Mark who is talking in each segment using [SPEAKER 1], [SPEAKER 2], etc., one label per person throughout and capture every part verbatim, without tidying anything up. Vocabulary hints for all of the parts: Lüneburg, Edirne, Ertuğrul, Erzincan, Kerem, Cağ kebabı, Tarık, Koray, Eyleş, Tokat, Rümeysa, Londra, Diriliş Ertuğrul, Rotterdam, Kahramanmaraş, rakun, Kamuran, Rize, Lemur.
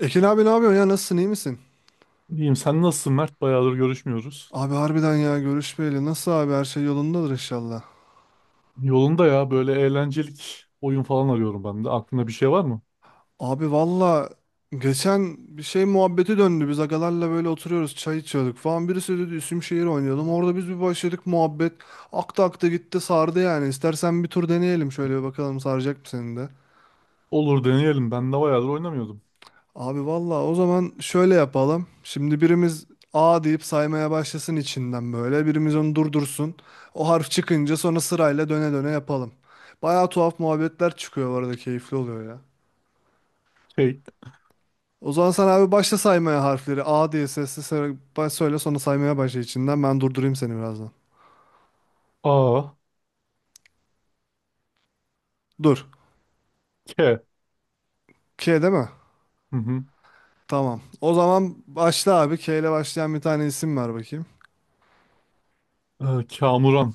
[SPEAKER 1] Ekin abi ne yapıyorsun ya, nasılsın, iyi misin?
[SPEAKER 2] İyiyim sen nasılsın Mert? Bayağıdır görüşmüyoruz.
[SPEAKER 1] Abi harbiden ya, görüşmeyeli nasıl abi, her şey yolundadır inşallah.
[SPEAKER 2] Yolunda ya böyle eğlencelik oyun falan arıyorum ben de. Aklında bir şey var mı?
[SPEAKER 1] Abi valla geçen bir şey muhabbeti döndü, biz agalarla böyle oturuyoruz, çay içiyorduk falan, birisi dedi isim şehir oynayalım. Orada biz bir başladık muhabbet, akta akta gitti, sardı yani. İstersen bir tur deneyelim, şöyle bir bakalım, saracak mı seni de.
[SPEAKER 2] Olur deneyelim. Ben de bayağıdır oynamıyordum.
[SPEAKER 1] Abi valla, o zaman şöyle yapalım. Şimdi birimiz A deyip saymaya başlasın içinden böyle. Birimiz onu durdursun. O harf çıkınca sonra sırayla döne döne yapalım. Baya tuhaf muhabbetler çıkıyor bu arada, keyifli oluyor ya.
[SPEAKER 2] Şey.
[SPEAKER 1] O zaman sen abi başla saymaya harfleri. A diye sesli söyle, baş- söyle, sonra saymaya başla içinden. Ben durdurayım seni birazdan.
[SPEAKER 2] A.
[SPEAKER 1] Dur.
[SPEAKER 2] K.
[SPEAKER 1] K değil mi?
[SPEAKER 2] Hı hı.
[SPEAKER 1] Tamam. O zaman başla abi. K ile başlayan bir tane isim ver bakayım.
[SPEAKER 2] Ee, Kamuran.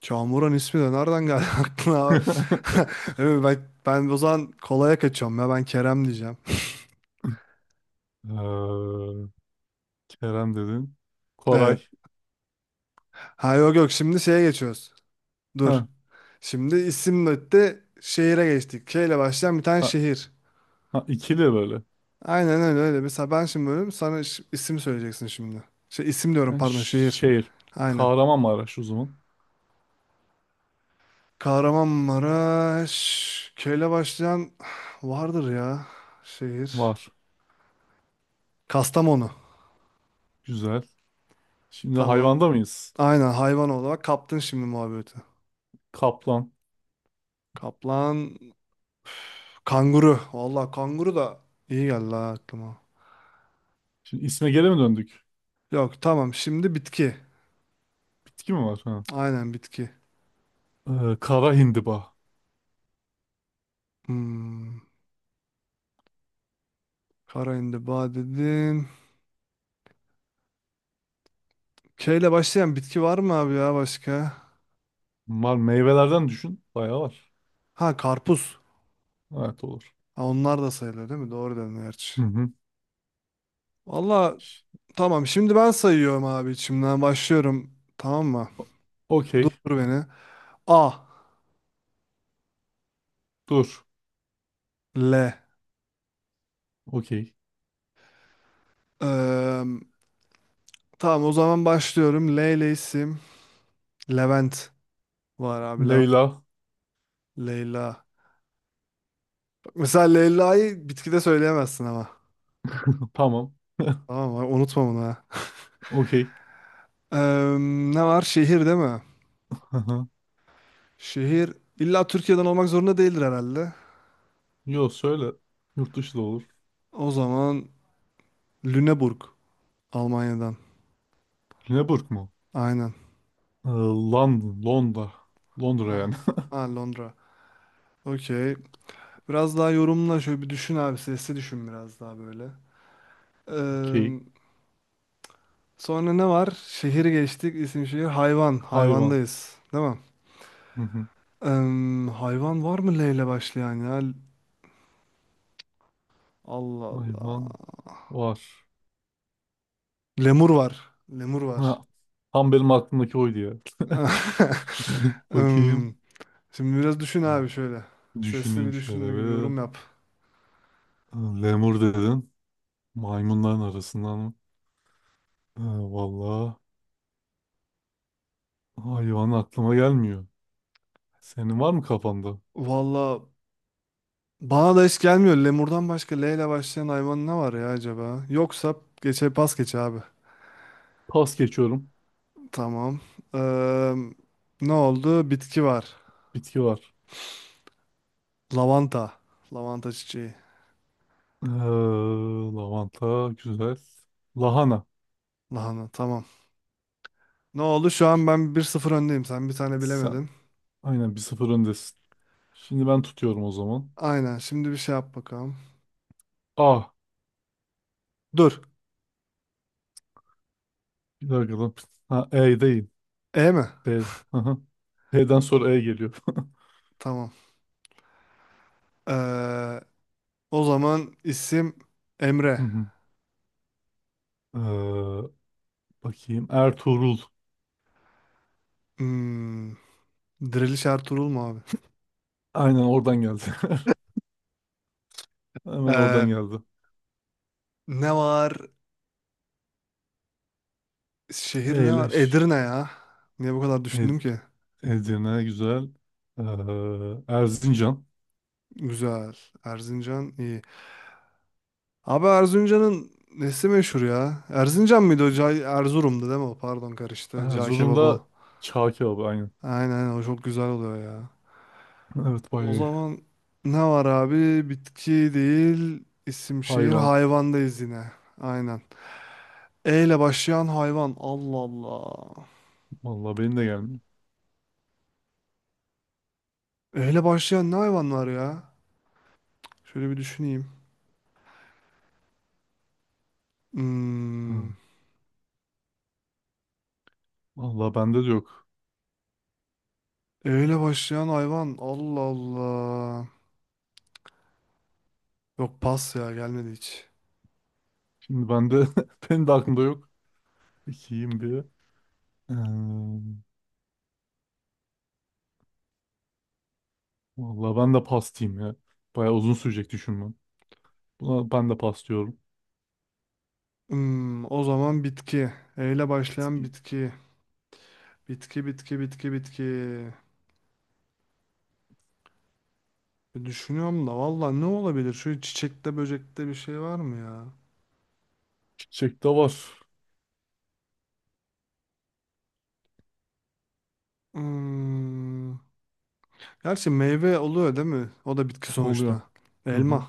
[SPEAKER 1] Çağmuran ismi de nereden geldi aklına? Abi? Evet, Ben, ben o zaman kolaya kaçıyorum ya, ben Kerem diyeceğim.
[SPEAKER 2] Ee, Kerem dedin. Koray.
[SPEAKER 1] Evet. Ha yok yok, şimdi şeye geçiyoruz. Dur.
[SPEAKER 2] Ha,
[SPEAKER 1] Şimdi isim öte şehire geçtik. K ile başlayan bir tane
[SPEAKER 2] ha,
[SPEAKER 1] şehir.
[SPEAKER 2] ha, ikili böyle.
[SPEAKER 1] Aynen öyle öyle. Mesela ben şimdi bölüm sana ş- isim söyleyeceksin şimdi. Şey, isim diyorum
[SPEAKER 2] Ben
[SPEAKER 1] pardon,
[SPEAKER 2] ş-
[SPEAKER 1] şehir.
[SPEAKER 2] şehir.
[SPEAKER 1] Aynen.
[SPEAKER 2] Kahramanmaraş o zaman.
[SPEAKER 1] Kahramanmaraş. K ile başlayan vardır ya şehir.
[SPEAKER 2] Var.
[SPEAKER 1] Kastamonu.
[SPEAKER 2] Güzel. Şimdi
[SPEAKER 1] Tamam.
[SPEAKER 2] hayvanda mıyız?
[SPEAKER 1] Aynen, hayvan olarak kaptın şimdi muhabbeti.
[SPEAKER 2] Kaplan.
[SPEAKER 1] Kaplan, kanguru. Vallahi kanguru da iyi geldi ha aklıma.
[SPEAKER 2] Şimdi isme geri mi döndük?
[SPEAKER 1] Yok, tamam, şimdi bitki.
[SPEAKER 2] Bitki mi var? Ha.
[SPEAKER 1] Aynen, bitki.
[SPEAKER 2] Ee, kara hindiba.
[SPEAKER 1] Hmm. Kara indiba dedin. K ile başlayan bitki var mı abi ya başka?
[SPEAKER 2] Mal meyvelerden düşün. Bayağı var.
[SPEAKER 1] Ha, karpuz.
[SPEAKER 2] Evet olur.
[SPEAKER 1] Ha, onlar da sayılır değil mi? Doğru dedin gerçi.
[SPEAKER 2] Hı hı.
[SPEAKER 1] Vallahi tamam, şimdi ben sayıyorum abi, içimden başlıyorum. Tamam mı? Dur
[SPEAKER 2] Okey.
[SPEAKER 1] beni. A.
[SPEAKER 2] Dur.
[SPEAKER 1] L.
[SPEAKER 2] Okey.
[SPEAKER 1] Eee, tamam, o zaman başlıyorum. L ile isim. Levent var abi. Levent.
[SPEAKER 2] Leyla.
[SPEAKER 1] Leyla. Bak mesela Leyla'yı bitkide söyleyemezsin ama.
[SPEAKER 2] Tamam.
[SPEAKER 1] Tamam mı? Unutma bunu ha.
[SPEAKER 2] Okey.
[SPEAKER 1] Eee, ne var? Şehir değil mi?
[SPEAKER 2] Hı hı.
[SPEAKER 1] Şehir illa Türkiye'den olmak zorunda değildir herhalde.
[SPEAKER 2] Yo söyle. Yurt dışı da olur.
[SPEAKER 1] O zaman Lüneburg. Almanya'dan.
[SPEAKER 2] Lüneburg mu?
[SPEAKER 1] Aynen.
[SPEAKER 2] Ee, London. Londra. Londra
[SPEAKER 1] Al.
[SPEAKER 2] yani.
[SPEAKER 1] Ha, Londra. Okey. Biraz daha yorumla, şöyle bir düşün abi. Sesli düşün biraz daha böyle.
[SPEAKER 2] Okey.
[SPEAKER 1] Eee, sonra ne var? Şehir geçtik. İsim, şehir. Hayvan.
[SPEAKER 2] Hayvan.
[SPEAKER 1] Hayvandayız. Değil mi?
[SPEAKER 2] Hı hı.
[SPEAKER 1] Em, hayvan var mı L ile başlayan ya? Allah
[SPEAKER 2] Hayvan
[SPEAKER 1] Allah.
[SPEAKER 2] var.
[SPEAKER 1] Lemur var. Lemur var.
[SPEAKER 2] Ha. Tam benim aklımdaki oydu ya. Bakayım.
[SPEAKER 1] Em, şimdi biraz düşün abi şöyle. Sesli
[SPEAKER 2] Düşüneyim
[SPEAKER 1] bir
[SPEAKER 2] şöyle
[SPEAKER 1] düşünme gibi
[SPEAKER 2] bir.
[SPEAKER 1] yorum yap.
[SPEAKER 2] Ee, Lemur dedin. Maymunların arasından mı? Ee, Vallahi. Hayvan aklıma gelmiyor. Senin var mı kafanda?
[SPEAKER 1] Valla bana da hiç gelmiyor. Lemurdan başka L ile başlayan hayvan ne var ya acaba? Yoksa geçe pas geç abi.
[SPEAKER 2] Pas geçiyorum.
[SPEAKER 1] Tamam. Em, ne oldu? Bitki var.
[SPEAKER 2] Bitki var.
[SPEAKER 1] Lavanta. Lavanta çiçeği.
[SPEAKER 2] Ee, lavanta güzel. Lahana.
[SPEAKER 1] Lahana tamam. Ne oldu? Şu an ben bir sıfır öndeyim. Sen bir tane
[SPEAKER 2] Sen
[SPEAKER 1] bilemedin.
[SPEAKER 2] aynen bir sıfır öndesin. Şimdi ben tutuyorum o zaman.
[SPEAKER 1] Aynen. Şimdi bir şey yap bakalım.
[SPEAKER 2] A.
[SPEAKER 1] Dur.
[SPEAKER 2] Bir dakika lan. Ha, E değil.
[SPEAKER 1] E mi?
[SPEAKER 2] B. Aha. P'den sonra E geliyor.
[SPEAKER 1] Tamam. Ee, o zaman isim Emre.
[SPEAKER 2] Hı hı. ee, bakayım. Ertuğrul.
[SPEAKER 1] Hmm, Diriliş Ertuğrul mu abi?
[SPEAKER 2] Aynen oradan geldi. Hemen oradan
[SPEAKER 1] Ee,
[SPEAKER 2] geldi.
[SPEAKER 1] ne var? Şehir ne var?
[SPEAKER 2] Eyleş.
[SPEAKER 1] Edirne ya. Niye bu kadar
[SPEAKER 2] Ed
[SPEAKER 1] düşündüm ki?
[SPEAKER 2] Edirne güzel. Ee, Erzincan.
[SPEAKER 1] Güzel. Erzincan iyi. Abi Erzincan'ın nesi meşhur ya? Erzincan mıydı o? Cağ- Erzurum'du değil mi o? Pardon karıştı.
[SPEAKER 2] Ha,
[SPEAKER 1] Cağ
[SPEAKER 2] Zur'un
[SPEAKER 1] kebabı o.
[SPEAKER 2] çağ kebabı aynen.
[SPEAKER 1] Aynen, o çok güzel oluyor ya.
[SPEAKER 2] Evet bayağı
[SPEAKER 1] O
[SPEAKER 2] iyi.
[SPEAKER 1] zaman ne var abi? Bitki değil, isim, şehir,
[SPEAKER 2] Hayvan.
[SPEAKER 1] hayvandayız yine. Aynen. E ile başlayan hayvan. Allah Allah.
[SPEAKER 2] Vallahi benim de gelmiyor.
[SPEAKER 1] E ile başlayan ne hayvan var ya? Şöyle bir düşüneyim.
[SPEAKER 2] Ha,
[SPEAKER 1] Hmm. E
[SPEAKER 2] vallahi bende de yok.
[SPEAKER 1] ile başlayan hayvan. Allah Allah. Yok, pas ya, gelmedi hiç.
[SPEAKER 2] Şimdi bende benim de aklımda yok. İkiyim bir. Ee, vallahi ben de pastayım ya. Bayağı uzun sürecek düşünmem. Buna ben de pas diyorum.
[SPEAKER 1] Hmm, o zaman bitki. E ile başlayan
[SPEAKER 2] Bitki.
[SPEAKER 1] bitki. Bitki, bitki, bitki, bitki. E, düşünüyorum da valla ne olabilir? Şöyle çiçekte, böcekte bir şey var mı ya?
[SPEAKER 2] Çiçek de var.
[SPEAKER 1] Hmm. Gerçi meyve oluyor değil mi? O da bitki
[SPEAKER 2] Oluyor.
[SPEAKER 1] sonuçta.
[SPEAKER 2] Hı
[SPEAKER 1] Elma.
[SPEAKER 2] hı.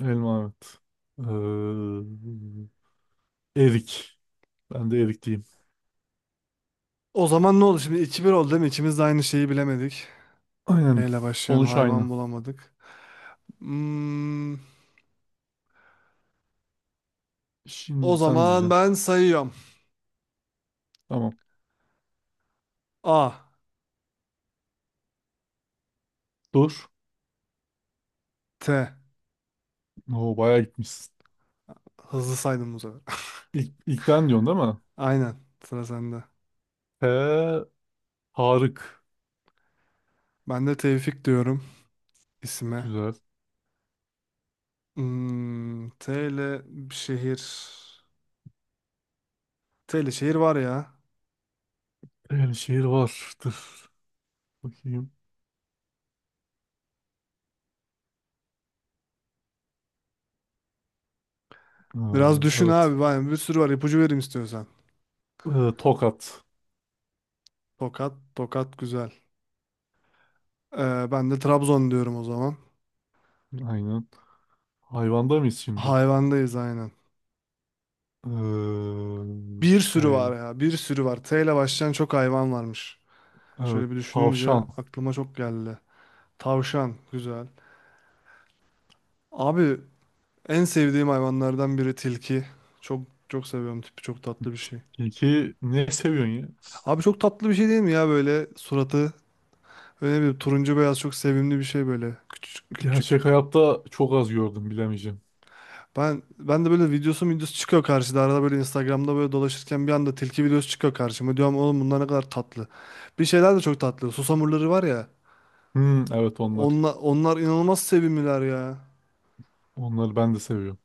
[SPEAKER 2] Elma evet. Ee, erik. Ben de erik diyeyim.
[SPEAKER 1] O zaman ne oldu? Şimdi iki bir oldu değil mi? İkimiz de aynı şeyi bilemedik.
[SPEAKER 2] Aynen.
[SPEAKER 1] E ile başlayan
[SPEAKER 2] Sonuç aynı.
[SPEAKER 1] hayvan bulamadık. Hmm. O
[SPEAKER 2] Şimdi sen
[SPEAKER 1] zaman
[SPEAKER 2] diyeceksin.
[SPEAKER 1] ben sayıyorum.
[SPEAKER 2] Tamam.
[SPEAKER 1] A,
[SPEAKER 2] Dur.
[SPEAKER 1] T.
[SPEAKER 2] Oo, bayağı gitmişsin.
[SPEAKER 1] Hızlı saydım bu sefer.
[SPEAKER 2] İlk, ilk ben diyorsun değil mi?
[SPEAKER 1] Aynen. Sıra sende.
[SPEAKER 2] T. Tarık.
[SPEAKER 1] Ben de Tevfik diyorum isime.
[SPEAKER 2] Güzel.
[SPEAKER 1] Hmm. T ile bir şehir. T ile şehir var ya.
[SPEAKER 2] Şehir vardır. Bakayım. Ha,
[SPEAKER 1] Biraz düşün
[SPEAKER 2] evet.
[SPEAKER 1] abi. Vay, bir sürü var. İpucu vereyim istiyorsan.
[SPEAKER 2] Ee, Tokat.
[SPEAKER 1] Tokat. Tokat güzel. Ee, ben de Trabzon diyorum o zaman.
[SPEAKER 2] Aynen. Hayvanda mıyız şimdi?
[SPEAKER 1] Hayvandayız aynen.
[SPEAKER 2] Ee,
[SPEAKER 1] Bir
[SPEAKER 2] T
[SPEAKER 1] sürü
[SPEAKER 2] ile.
[SPEAKER 1] var ya, bir sürü var. T ile başlayan çok hayvan varmış.
[SPEAKER 2] Evet.
[SPEAKER 1] Şöyle bir düşününce
[SPEAKER 2] Tavşan.
[SPEAKER 1] aklıma çok geldi. Tavşan, güzel. Abi en sevdiğim hayvanlardan biri tilki. Çok çok seviyorum tipi, çok tatlı bir şey.
[SPEAKER 2] Peki ne seviyorsun ya?
[SPEAKER 1] Abi çok tatlı bir şey değil mi ya böyle suratı? Öyle bir turuncu beyaz, çok sevimli bir şey böyle. Küçük küçük.
[SPEAKER 2] Gerçek hayatta çok az gördüm bilemeyeceğim.
[SPEAKER 1] Ben ben de böyle videosu videosu çıkıyor karşıda. Arada böyle Instagram'da böyle dolaşırken bir anda tilki videosu çıkıyor karşıma. Diyorum oğlum bunlar ne kadar tatlı. Bir şeyler de çok tatlı. Susamurları var ya.
[SPEAKER 2] Hmm, evet onlar.
[SPEAKER 1] Onlar, onlar inanılmaz sevimliler ya.
[SPEAKER 2] Onları ben de seviyorum.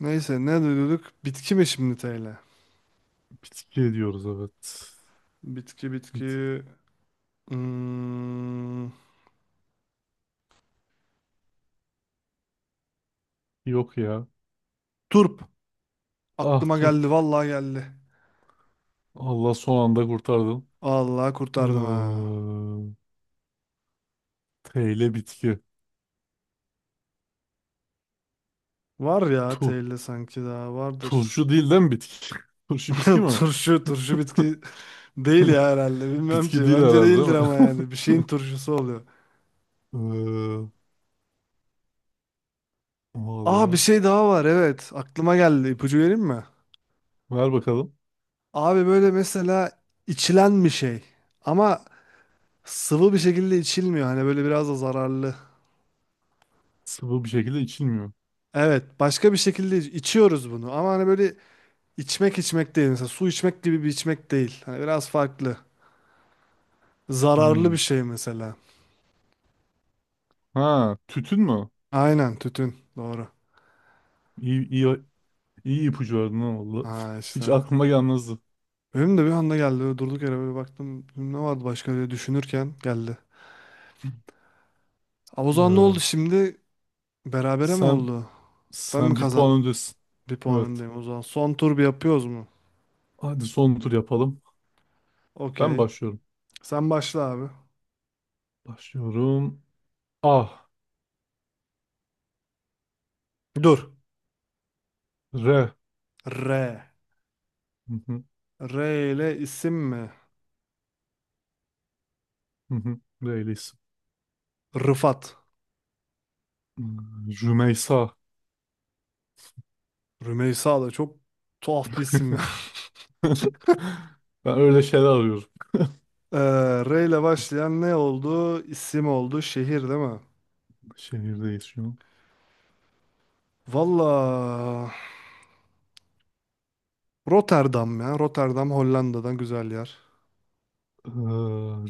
[SPEAKER 1] Neyse ne diyorduk? Bitki mi şimdi te ile?
[SPEAKER 2] Bitki diyoruz evet.
[SPEAKER 1] Bitki bitki.
[SPEAKER 2] Bitki
[SPEAKER 1] Hmm,
[SPEAKER 2] yok ya.
[SPEAKER 1] turp.
[SPEAKER 2] Ah,
[SPEAKER 1] Aklıma
[SPEAKER 2] turp.
[SPEAKER 1] geldi, vallahi geldi.
[SPEAKER 2] Allah son anda kurtardın.
[SPEAKER 1] Allah kurtardım ha.
[SPEAKER 2] Ee, T ile bitki.
[SPEAKER 1] Var ya
[SPEAKER 2] Tu.
[SPEAKER 1] te ile sanki daha vardır.
[SPEAKER 2] Turşu değil, değil mi bitki? Turşu bitki mi?
[SPEAKER 1] Turşu, turşu bitki değil ya herhalde. Bilmem
[SPEAKER 2] Bitki
[SPEAKER 1] ki.
[SPEAKER 2] değil
[SPEAKER 1] Bence
[SPEAKER 2] herhalde değil
[SPEAKER 1] değildir ama
[SPEAKER 2] mi?
[SPEAKER 1] yani. Bir şeyin turşusu oluyor.
[SPEAKER 2] Ee,
[SPEAKER 1] Aa, bir
[SPEAKER 2] valla.
[SPEAKER 1] şey daha var. Evet. Aklıma geldi. İpucu vereyim mi?
[SPEAKER 2] Ver bakalım.
[SPEAKER 1] Abi böyle mesela içilen bir şey. Ama sıvı bir şekilde içilmiyor. Hani böyle biraz da zararlı.
[SPEAKER 2] Sıvı bir şekilde içilmiyor.
[SPEAKER 1] Evet. Başka bir şekilde iç- içiyoruz bunu. Ama hani böyle içmek, içmek değil. Mesela su içmek gibi bir içmek değil. Hani biraz farklı. Zararlı
[SPEAKER 2] Hmm.
[SPEAKER 1] bir şey mesela.
[SPEAKER 2] Ha, tütün mü?
[SPEAKER 1] Aynen. Tütün. Doğru.
[SPEAKER 2] İyi, iyi, iyi ipucu verdin ha valla.
[SPEAKER 1] Ha
[SPEAKER 2] Hiç
[SPEAKER 1] işte.
[SPEAKER 2] aklıma gelmezdi.
[SPEAKER 1] Benim de bir anda geldi. Böyle durduk yere böyle baktım. Ne vardı başka diye düşünürken geldi. Ama o zaman ne oldu
[SPEAKER 2] Ee,
[SPEAKER 1] şimdi? Berabere mi
[SPEAKER 2] sen
[SPEAKER 1] oldu? Ben mi
[SPEAKER 2] sen bir puan
[SPEAKER 1] kazandım?
[SPEAKER 2] öndesin.
[SPEAKER 1] Bir puan
[SPEAKER 2] Evet.
[SPEAKER 1] öndeyim o zaman. Son tur bir yapıyoruz mu?
[SPEAKER 2] Hadi son tur yapalım. Ben
[SPEAKER 1] Okey.
[SPEAKER 2] başlıyorum.
[SPEAKER 1] Sen başla abi.
[SPEAKER 2] Başlıyorum. Ah.
[SPEAKER 1] Dur.
[SPEAKER 2] R.
[SPEAKER 1] R.
[SPEAKER 2] Hı hı,
[SPEAKER 1] R ile isim mi?
[SPEAKER 2] hı hı. R ile isim.
[SPEAKER 1] Rıfat.
[SPEAKER 2] Hmm, Rümeysa.
[SPEAKER 1] Rümeysa da çok tuhaf bir isim ya.
[SPEAKER 2] Ben öyle şeyler arıyorum.
[SPEAKER 1] Ee, R ile başlayan ne oldu? İsim oldu. Şehir değil mi?
[SPEAKER 2] Şehirdeyiz şu an.
[SPEAKER 1] Valla Rotterdam ya. Rotterdam Hollanda'dan güzel yer.
[SPEAKER 2] Ee,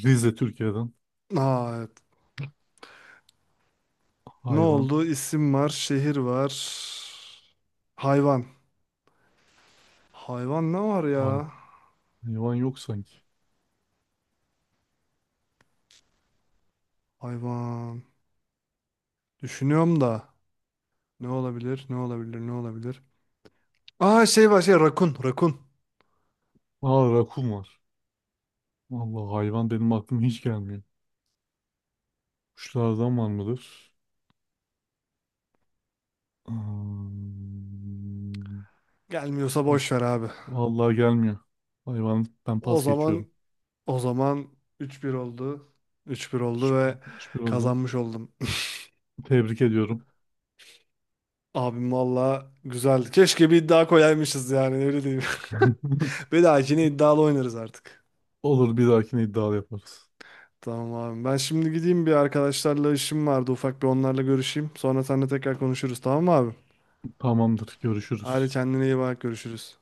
[SPEAKER 2] Rize Türkiye'den.
[SPEAKER 1] Aa, evet. Ne
[SPEAKER 2] Hayvan.
[SPEAKER 1] oldu? İsim var, şehir var. Hayvan. Hayvan ne var
[SPEAKER 2] Hay
[SPEAKER 1] ya?
[SPEAKER 2] hayvan yok sanki.
[SPEAKER 1] Hayvan. Düşünüyorum da. Ne olabilir? Ne olabilir? Ne olabilir? Aa, şey var, şey, rakun. Rakun.
[SPEAKER 2] Aa, rakun var. Vallahi hayvan benim aklıma hiç gelmiyor. Kuşlardan var mıdır? Hmm.
[SPEAKER 1] Gelmiyorsa
[SPEAKER 2] Ah,
[SPEAKER 1] boş ver abi.
[SPEAKER 2] vallahi gelmiyor. Hayvan ben
[SPEAKER 1] O
[SPEAKER 2] pas geçiyorum.
[SPEAKER 1] zaman, o zaman üç bir oldu. üç bir oldu
[SPEAKER 2] Hiçbir,
[SPEAKER 1] ve
[SPEAKER 2] hiçbir oldu.
[SPEAKER 1] kazanmış oldum.
[SPEAKER 2] Tebrik ediyorum.
[SPEAKER 1] Abim valla güzeldi. Keşke bir iddia koyaymışız yani, öyle diyeyim. Bir daha yine iddialı oynarız artık.
[SPEAKER 2] Olur bir dahakine iddia yaparız.
[SPEAKER 1] Tamam abi. Ben şimdi gideyim, bir arkadaşlarla işim vardı. Ufak bir onlarla görüşeyim. Sonra seninle tekrar konuşuruz, tamam mı abi?
[SPEAKER 2] Tamamdır
[SPEAKER 1] Hadi,
[SPEAKER 2] görüşürüz.
[SPEAKER 1] kendine iyi bak, görüşürüz.